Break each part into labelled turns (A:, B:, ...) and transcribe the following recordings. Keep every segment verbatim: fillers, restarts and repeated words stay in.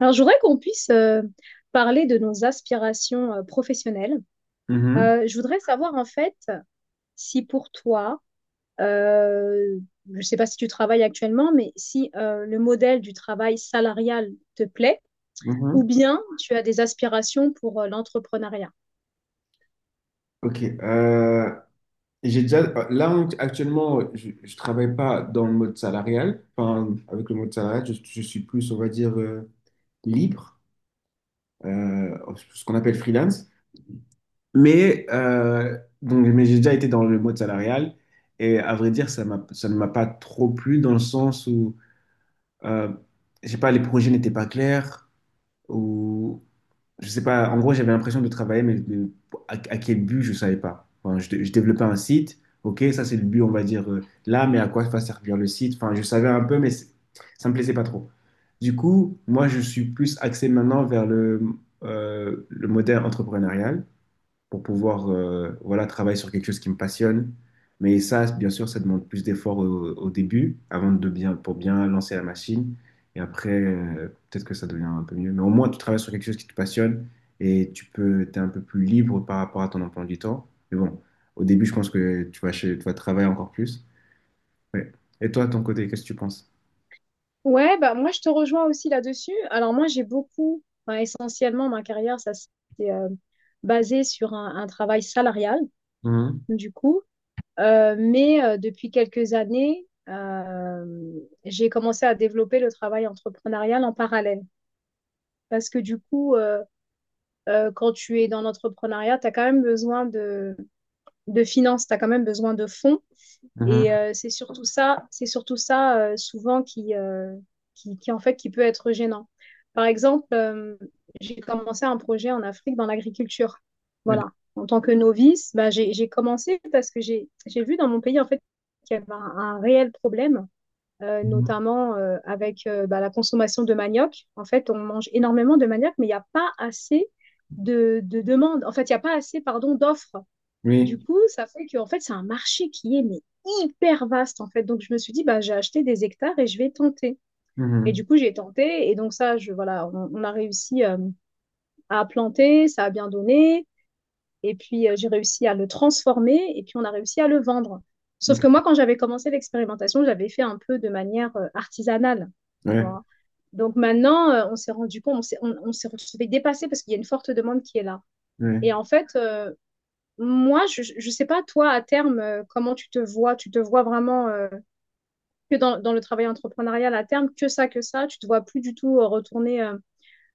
A: Alors, je voudrais qu'on puisse euh, parler de nos aspirations euh, professionnelles.
B: Mhm,
A: Euh, je voudrais savoir en fait si pour toi, euh, je ne sais pas si tu travailles actuellement, mais si euh, le modèle du travail salarial te plaît ou
B: mhm.
A: bien tu as des aspirations pour euh, l'entrepreneuriat.
B: Ok. Euh, j'ai déjà, là, on- actuellement, je ne travaille pas dans le mode salarial. Enfin, avec le mode salarial, je, je suis plus, on va dire, euh, libre, euh, ce qu'on appelle freelance. Mais, euh, donc, mais j'ai déjà été dans le mode salarial. Et à vrai dire, ça m'a, ça ne m'a pas trop plu dans le sens où, euh, je sais pas, les projets n'étaient pas clairs. Ou je sais pas, en gros, j'avais l'impression de travailler, mais de- à, à quel but, je savais pas. Enfin, je, dé- je développais un site, ok, ça c'est le but, on va dire, euh, là, mais à quoi va servir le site? Enfin, je savais un peu, mais c'est- ça me plaisait pas trop. Du coup, moi, je suis plus axé maintenant vers le, euh, le modèle entrepreneurial pour pouvoir euh, voilà, travailler sur quelque chose qui me passionne. Mais ça, bien sûr, ça demande plus d'efforts au, au début, avant de bien, pour bien lancer la machine. Et après, euh, peut-être que ça devient un peu mieux. Mais au moins, tu travailles sur quelque chose qui te passionne et tu peux, t'es un peu plus libre par rapport à ton emploi du temps. Mais bon, au début, je pense que tu vas, chez- tu vas travailler encore plus. Ouais. Et toi, de ton côté, qu'est-ce que tu penses?
A: Ouais, bah moi je te rejoins aussi là-dessus. Alors moi j'ai beaucoup, enfin, essentiellement ma carrière, ça s'est euh, basé sur un un travail salarial
B: Mhm,
A: du coup. Euh, mais euh, depuis quelques années, euh, j'ai commencé à développer le travail entrepreneurial en parallèle. Parce que du coup, euh, euh, quand tu es dans l'entrepreneuriat, tu as quand même besoin de, de finances, tu as quand même besoin de fonds.
B: mhm.
A: Et euh, c'est surtout ça, c'est surtout ça euh, souvent qui, euh, qui, qui, en fait, qui peut être gênant. Par exemple, euh, j'ai commencé un projet en Afrique dans l'agriculture.
B: Ok.
A: Voilà. En tant que novice, bah, j'ai, j'ai commencé parce que j'ai, j'ai vu dans mon pays en fait qu'il y avait un, un réel problème, euh,
B: Mhm.
A: notamment euh, avec euh, bah, la consommation de manioc. En fait, on mange énormément de manioc, mais il n'y a pas assez de, de demandes. En fait, il n'y a pas assez, pardon, d'offres. Du
B: Oui.
A: coup, ça fait que en fait, c'est un marché qui est mais, hyper vaste en fait. Donc je me suis dit bah j'ai acheté des hectares et je vais tenter. Et du
B: Mhm.
A: coup, j'ai tenté et donc ça je voilà, on, on a réussi euh, à planter, ça a bien donné et puis euh, j'ai réussi à le transformer et puis on a réussi à le vendre. Sauf
B: Ok.
A: que moi quand j'avais commencé l'expérimentation, j'avais fait un peu de manière euh, artisanale. Tu
B: Ouais.
A: vois. Donc maintenant, euh, on s'est rendu compte, on s'est on, on s'est retrouvé dépassé parce qu'il y a une forte demande qui est là.
B: Ouais.
A: Et en fait, euh, moi, je ne sais pas, toi, à terme, euh, comment tu te vois? Tu te vois vraiment euh, que dans, dans le travail entrepreneurial à terme, que ça, que ça? Tu te vois plus du tout euh, retourner euh,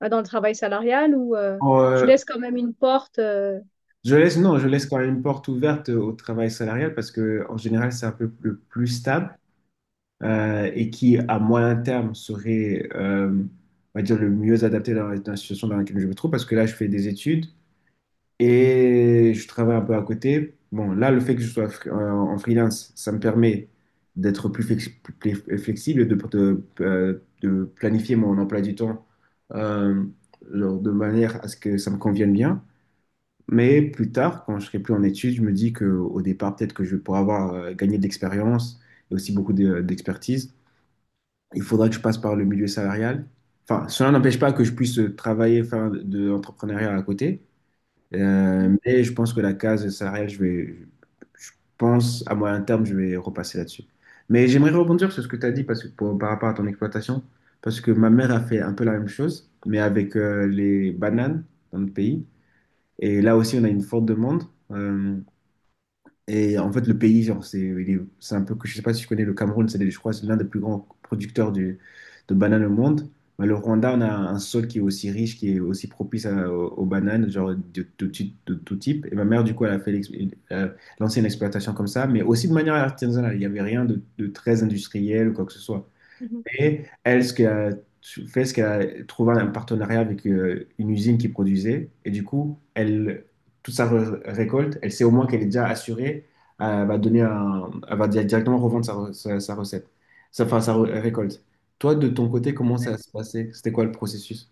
A: bah, dans le travail salarial ou euh,
B: Pour,
A: tu
B: euh,
A: laisses quand même une porte euh,
B: Je laisse, non, je laisse quand même une porte ouverte au travail salarial parce que en général, c'est un peu le plus stable euh, et qui, à moyen terme, serait, euh, on va dire, le mieux adapté dans dans la situation dans laquelle je me trouve parce que là, je fais des études et je travaille un peu à côté. Bon, là, le fait que je sois fr- en en freelance, ça me permet d'être plus, flex- plus flexible, et de, de, euh, de planifier mon emploi du temps euh, genre de manière à ce que ça me convienne bien. Mais plus tard, quand je serai plus en études, je me dis qu'au départ, peut-être que je pourrais avoir euh, gagné de l'expérience et aussi beaucoup de- d'expertise. Il faudra que je passe par le milieu salarial. Enfin, cela n'empêche pas que je puisse euh, travailler, faire de l'entrepreneuriat à côté.
A: mhm,
B: Euh, mais je pense que la case salariale, je vais, je pense à moyen terme, je vais repasser là-dessus. Mais j'aimerais rebondir sur ce que tu as dit parce que pour- par rapport à ton exploitation, parce que ma mère a fait un peu la même chose, mais avec euh, les bananes dans le pays. Et là aussi, on a une forte demande. Euh, et en fait, le pays, genre, c'est il est- c'est un peu que je sais pas si tu connais le Cameroun, c'est, je crois, c'est l'un des plus grands producteurs du- de bananes au monde. Mais le Rwanda, on a un sol qui est aussi riche, qui est aussi propice à- aux, aux bananes, genre de tout type, de tout type. Et ma mère, du coup, elle a fait l'ex- euh, lancé une exploitation comme ça, mais aussi de manière artisanale. Il n'y avait rien de, de très industriel ou quoi que ce soit.
A: mhm.
B: Et elle, ce qu'elle a fait, c'est qu'elle a trouvé un partenariat avec euh, une usine qui produisait. Et du coup, elle, toute sa re- récolte, elle sait au moins qu'elle est déjà assurée. Elle va donner un, elle va di- directement revendre sa, re- sa, sa recette, sa, enfin, sa re- récolte. Toi, de ton côté, comment ça
A: D'accord.
B: se passait? C'était quoi le processus?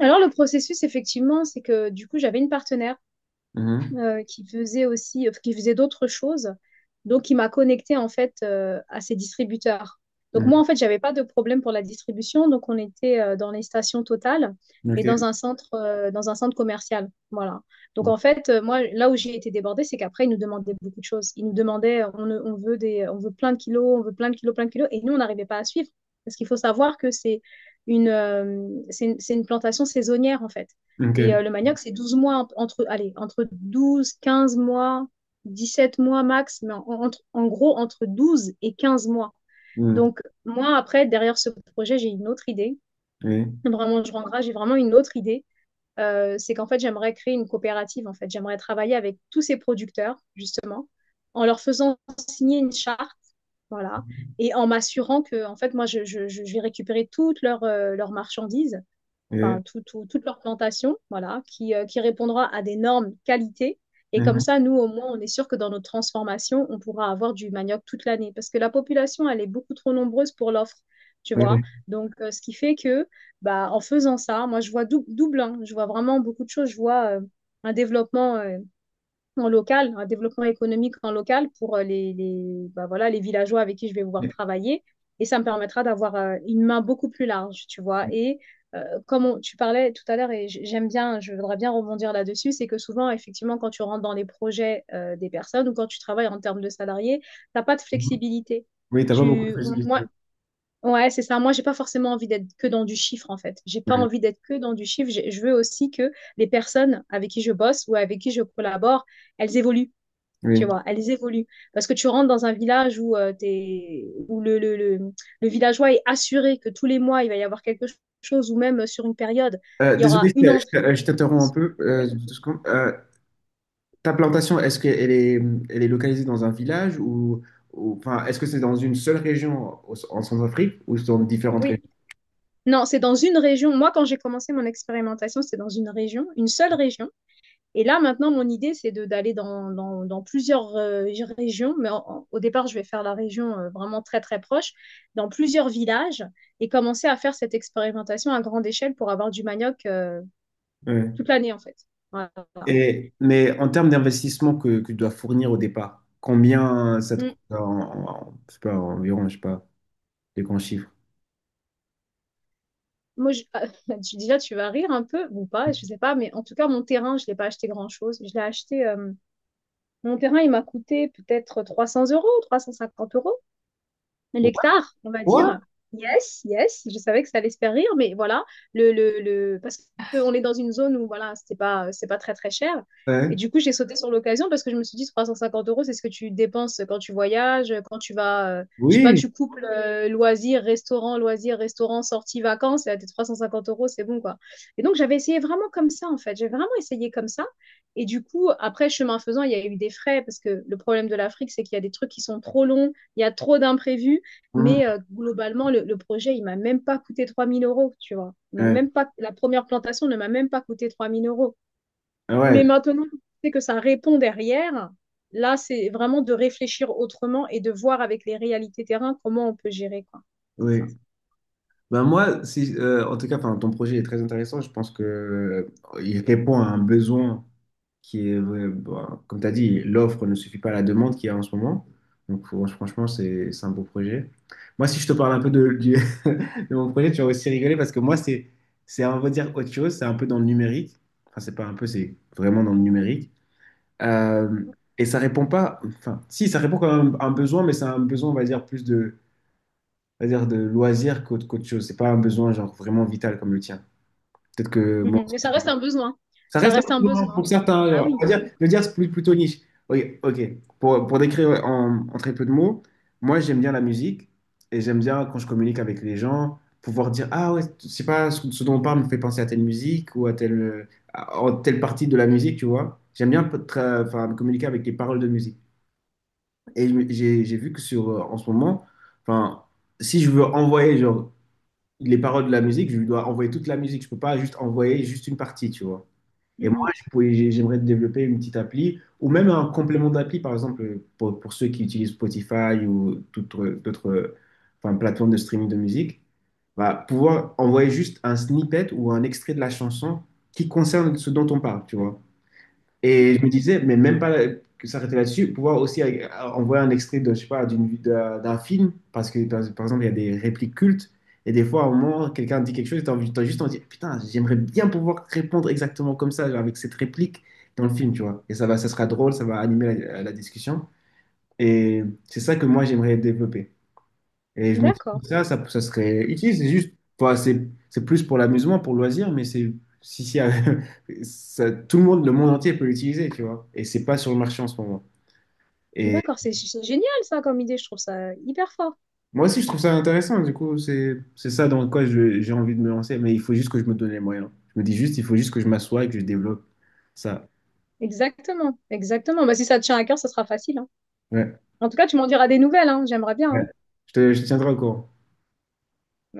A: Alors, le processus, effectivement, c'est que du coup, j'avais une partenaire.
B: Mhm.
A: euh, qui faisait aussi, euh, qui faisait d'autres choses. Donc, il m'a connectée en fait euh, à ces distributeurs. Donc, moi,
B: Mhm.
A: en fait, j'avais pas de problème pour la distribution. Donc, on était euh, dans les stations Total et
B: Ok.
A: dans un centre, euh, dans un centre commercial. Voilà. Donc, en fait, euh, moi, là où j'ai été débordée, c'est qu'après, ils nous demandaient beaucoup de choses. Ils nous demandaient, euh, on, on veut des, on veut plein de kilos, on veut plein de kilos, plein de kilos. Et nous, on n'arrivait pas à suivre. Parce qu'il faut savoir que c'est une, euh, c'est une, c'est une plantation saisonnière, en fait. Et
B: Ok.
A: euh, le manioc, c'est douze mois, entre, allez, entre douze, quinze mois, dix-sept mois max, mais en, entre- en gros, entre douze et quinze mois.
B: Mhm.
A: Donc, moi, après, derrière ce projet, j'ai une autre idée.
B: Oui.
A: Vraiment, je rendrai, j'ai vraiment une autre idée. Euh, c'est qu'en fait, j'aimerais créer une coopérative, en fait. J'aimerais travailler avec tous ces producteurs, justement, en leur faisant signer une charte, voilà, et en m'assurant que, en fait, moi, je, je- je vais récupérer toutes leurs euh, leurs marchandises
B: Oui.
A: enfin, tout- tout- toute leur plantation, voilà, qui, euh, qui répondra à des normes qualité. Et comme
B: Mhm.
A: ça, nous, au moins, on est sûr que dans notre transformation, on pourra avoir du manioc toute l'année. Parce que la population, elle est beaucoup trop nombreuse pour l'offre, tu vois.
B: Oui.
A: Donc, euh, ce qui fait que, bah, en faisant ça, moi, je vois dou- double, hein. Je vois vraiment beaucoup de choses. Je vois euh, un développement. Euh, en local, un développement économique en local pour euh, les, les, bah, voilà, les villageois avec qui je vais pouvoir travailler. Et ça me permettra d'avoir euh, une main beaucoup plus large, tu vois.
B: Oui.
A: Et euh, comme on- tu parlais tout à l'heure, et j'aime bien, je voudrais bien rebondir là-dessus, c'est que souvent, effectivement, quand tu rentres dans les projets euh, des personnes ou quand tu travailles en termes de salariés tu n'as pas de flexibilité.
B: Oui, t'as pas beaucoup de
A: Tu, moi,
B: facilité.
A: ouais, c'est ça. Moi, j'ai pas forcément envie d'être que dans du chiffre, en fait. J'ai pas
B: Ouais.
A: envie d'être que dans du chiffre. J'ai- Je veux aussi que les personnes avec qui je bosse ou avec qui je collabore, elles évoluent. Tu
B: Oui.
A: vois, elles évoluent. Parce que tu rentres dans un village où, euh, t'es, où le, le, le, le villageois est assuré que tous les mois, il va y avoir quelque chose, ou même sur une période,
B: Euh,
A: il y
B: désolé,
A: aura
B: je
A: une entrée.
B: t'- je t'interromps un peu. Euh,
A: Oui,
B: deux secondes. Euh, ta plantation, est-ce qu'elle est, elle est localisée dans un village ou, ou- enfin, est-ce que c'est dans une seule région au- en Centrafrique ou dans différentes régions?
A: oui. Non, c'est dans une région. Moi, quand j'ai commencé mon expérimentation, c'était dans une région, une seule région. Et là, maintenant, mon idée, c'est de- d'aller dans, dans- dans plusieurs euh, régions, mais en- en- au départ, je vais faire la région euh, vraiment très, très proche, dans plusieurs villages, et commencer à faire cette expérimentation à grande échelle pour avoir du manioc euh,
B: Ouais.
A: toute l'année, en fait. Voilà.
B: Et, mais en termes d'investissement que, que tu dois fournir au départ, combien ça te
A: Mm.
B: coûte en, en- je sais pas, environ, je sais pas, les grands chiffres?
A: Moi, je- tu- déjà, tu vas rire un peu, ou pas, je sais pas, mais en tout cas, mon terrain, je l'ai pas acheté grand-chose. Je l'ai acheté, euh, mon terrain, il m'a coûté peut-être trois cents euros, trois cent cinquante euros.
B: Ouais.
A: Nectar, on va
B: Quoi?
A: dire. Yes, yes, je savais que ça allait se faire rire, mais voilà, le, le, le... parce qu'on est dans une zone où voilà, c'était pas, c'est pas très très cher. Et
B: Ouais.
A: du coup, j'ai sauté sur l'occasion parce que je me suis dit trois cent cinquante euros, c'est ce que tu dépenses quand tu voyages, quand tu vas, euh, je sais pas,
B: Oui.
A: tu couples euh, loisirs, restaurant, loisirs, restaurant, sortie, vacances, et à tes trois cent cinquante euros, c'est bon quoi. Et donc, j'avais essayé vraiment comme ça en fait, j'ai vraiment essayé comme ça. Et du coup, après, chemin faisant, il y a eu des frais parce que le problème de l'Afrique, c'est qu'il y a des trucs qui sont trop longs, il y a trop d'imprévus.
B: Mhm.
A: Mais euh, globalement, le, le projet, il m'a même pas coûté trois mille euros, tu vois. Il m'a
B: Ouais.
A: même pas, la première plantation ne m'a même pas coûté trois mille euros.
B: Ah ouais.
A: Mais maintenant, c'est que ça répond derrière. Là, c'est vraiment de réfléchir autrement et de voir avec les réalités terrain comment on peut gérer, quoi. C'est ça.
B: Oui. Ben moi, si, euh, en tout cas, enfin, ton projet est très intéressant. Je pense que euh, il répond à un besoin qui est, euh, bon, comme tu as dit, l'offre ne suffit pas à la demande qu'il y a en ce moment. Donc, fran- franchement, c'est c'est un beau projet. Moi, si je te parle un peu de, du- de mon projet, tu vas aussi rigoler parce que moi, c'est, c'est, on va dire autre chose. C'est un peu dans le numérique. Enfin, c'est pas un peu, c'est vraiment dans le numérique. Euh, et ça répond pas, enfin, si, ça répond quand même à un besoin, mais c'est un besoin, on va dire, plus c'est-à-dire de loisir qu'autre qu'autre chose. C'est pas un besoin genre vraiment vital comme le tien. Peut-être que moi,
A: Mhm. Mais ça reste un besoin.
B: ça
A: Ça
B: reste
A: reste
B: un
A: un
B: besoin
A: besoin.
B: pour certains.
A: Ah
B: Genre,
A: oui.
B: on va dire, le dire c'est plus- plutôt niche. Ok, ok. Pour, pour décrire en, en très peu de mots, moi j'aime bien la musique et j'aime bien quand je communique avec les gens pouvoir dire ah ouais, je sais pas ce, ce dont on parle me fait penser à telle musique ou à telle à- à telle partie de la musique, tu vois. J'aime bien peut- tra- enfin, communiquer avec les paroles de musique. Et je me- j'ai j'ai vu que sur euh, en ce moment, enfin si je veux envoyer genre les paroles de la musique, je lui dois envoyer toute la musique. Je peux pas juste envoyer juste une partie, tu vois. Et moi,
A: Mhm.
B: je pourrais- j'ai- j'aimerais développer une petite appli ou même un complément d'appli, par exemple, pour, pour ceux qui utilisent Spotify ou toute autre- d'autres euh, enfin, plateformes de streaming de musique, bah, pouvoir envoyer juste un snippet ou un extrait de la chanson qui concerne ce dont on parle, tu vois. Et je me
A: D'accord.
B: disais, mais même pas que s'arrêter là-dessus, pouvoir aussi euh, envoyer un extrait de, je sais pas, d'une, d'un d'un film, parce que par, par exemple, il y a des répliques cultes, et des fois, au moment, quelqu'un dit quelque chose, t'as envie, t'as juste envie de dire, putain, j'aimerais bien pouvoir répondre exactement comme ça, genre, avec cette réplique dans le film, tu vois. Et ça va, ça sera drôle, ça va animer la, la discussion. Et c'est ça que moi, j'aimerais développer. Et je me dis
A: D'accord.
B: que ça, ça, ça serait utile. C'est juste, enfin, c'est c'est plus pour l'amusement, pour le loisir, mais c'est si, si, ça- tout le monde, le monde entier peut l'utiliser, tu vois. Et c'est pas sur le marché en ce moment. Et
A: D'accord. C'est c'est génial, ça, comme idée. Je trouve ça hyper fort.
B: moi aussi, je trouve ça intéressant. Du coup, c'est c'est ça dans quoi je- j'ai envie de me lancer. Mais il faut juste que je me donne les moyens. Je me dis juste, il faut juste que je m'assoie et que je développe ça.
A: Exactement. Exactement. Bah, si ça te tient à cœur, ça sera facile. Hein.
B: Ouais.
A: En tout cas, tu m'en diras des nouvelles. Hein. J'aimerais bien.
B: Ouais.
A: Hein.
B: Je te, je te tiendrai au courant.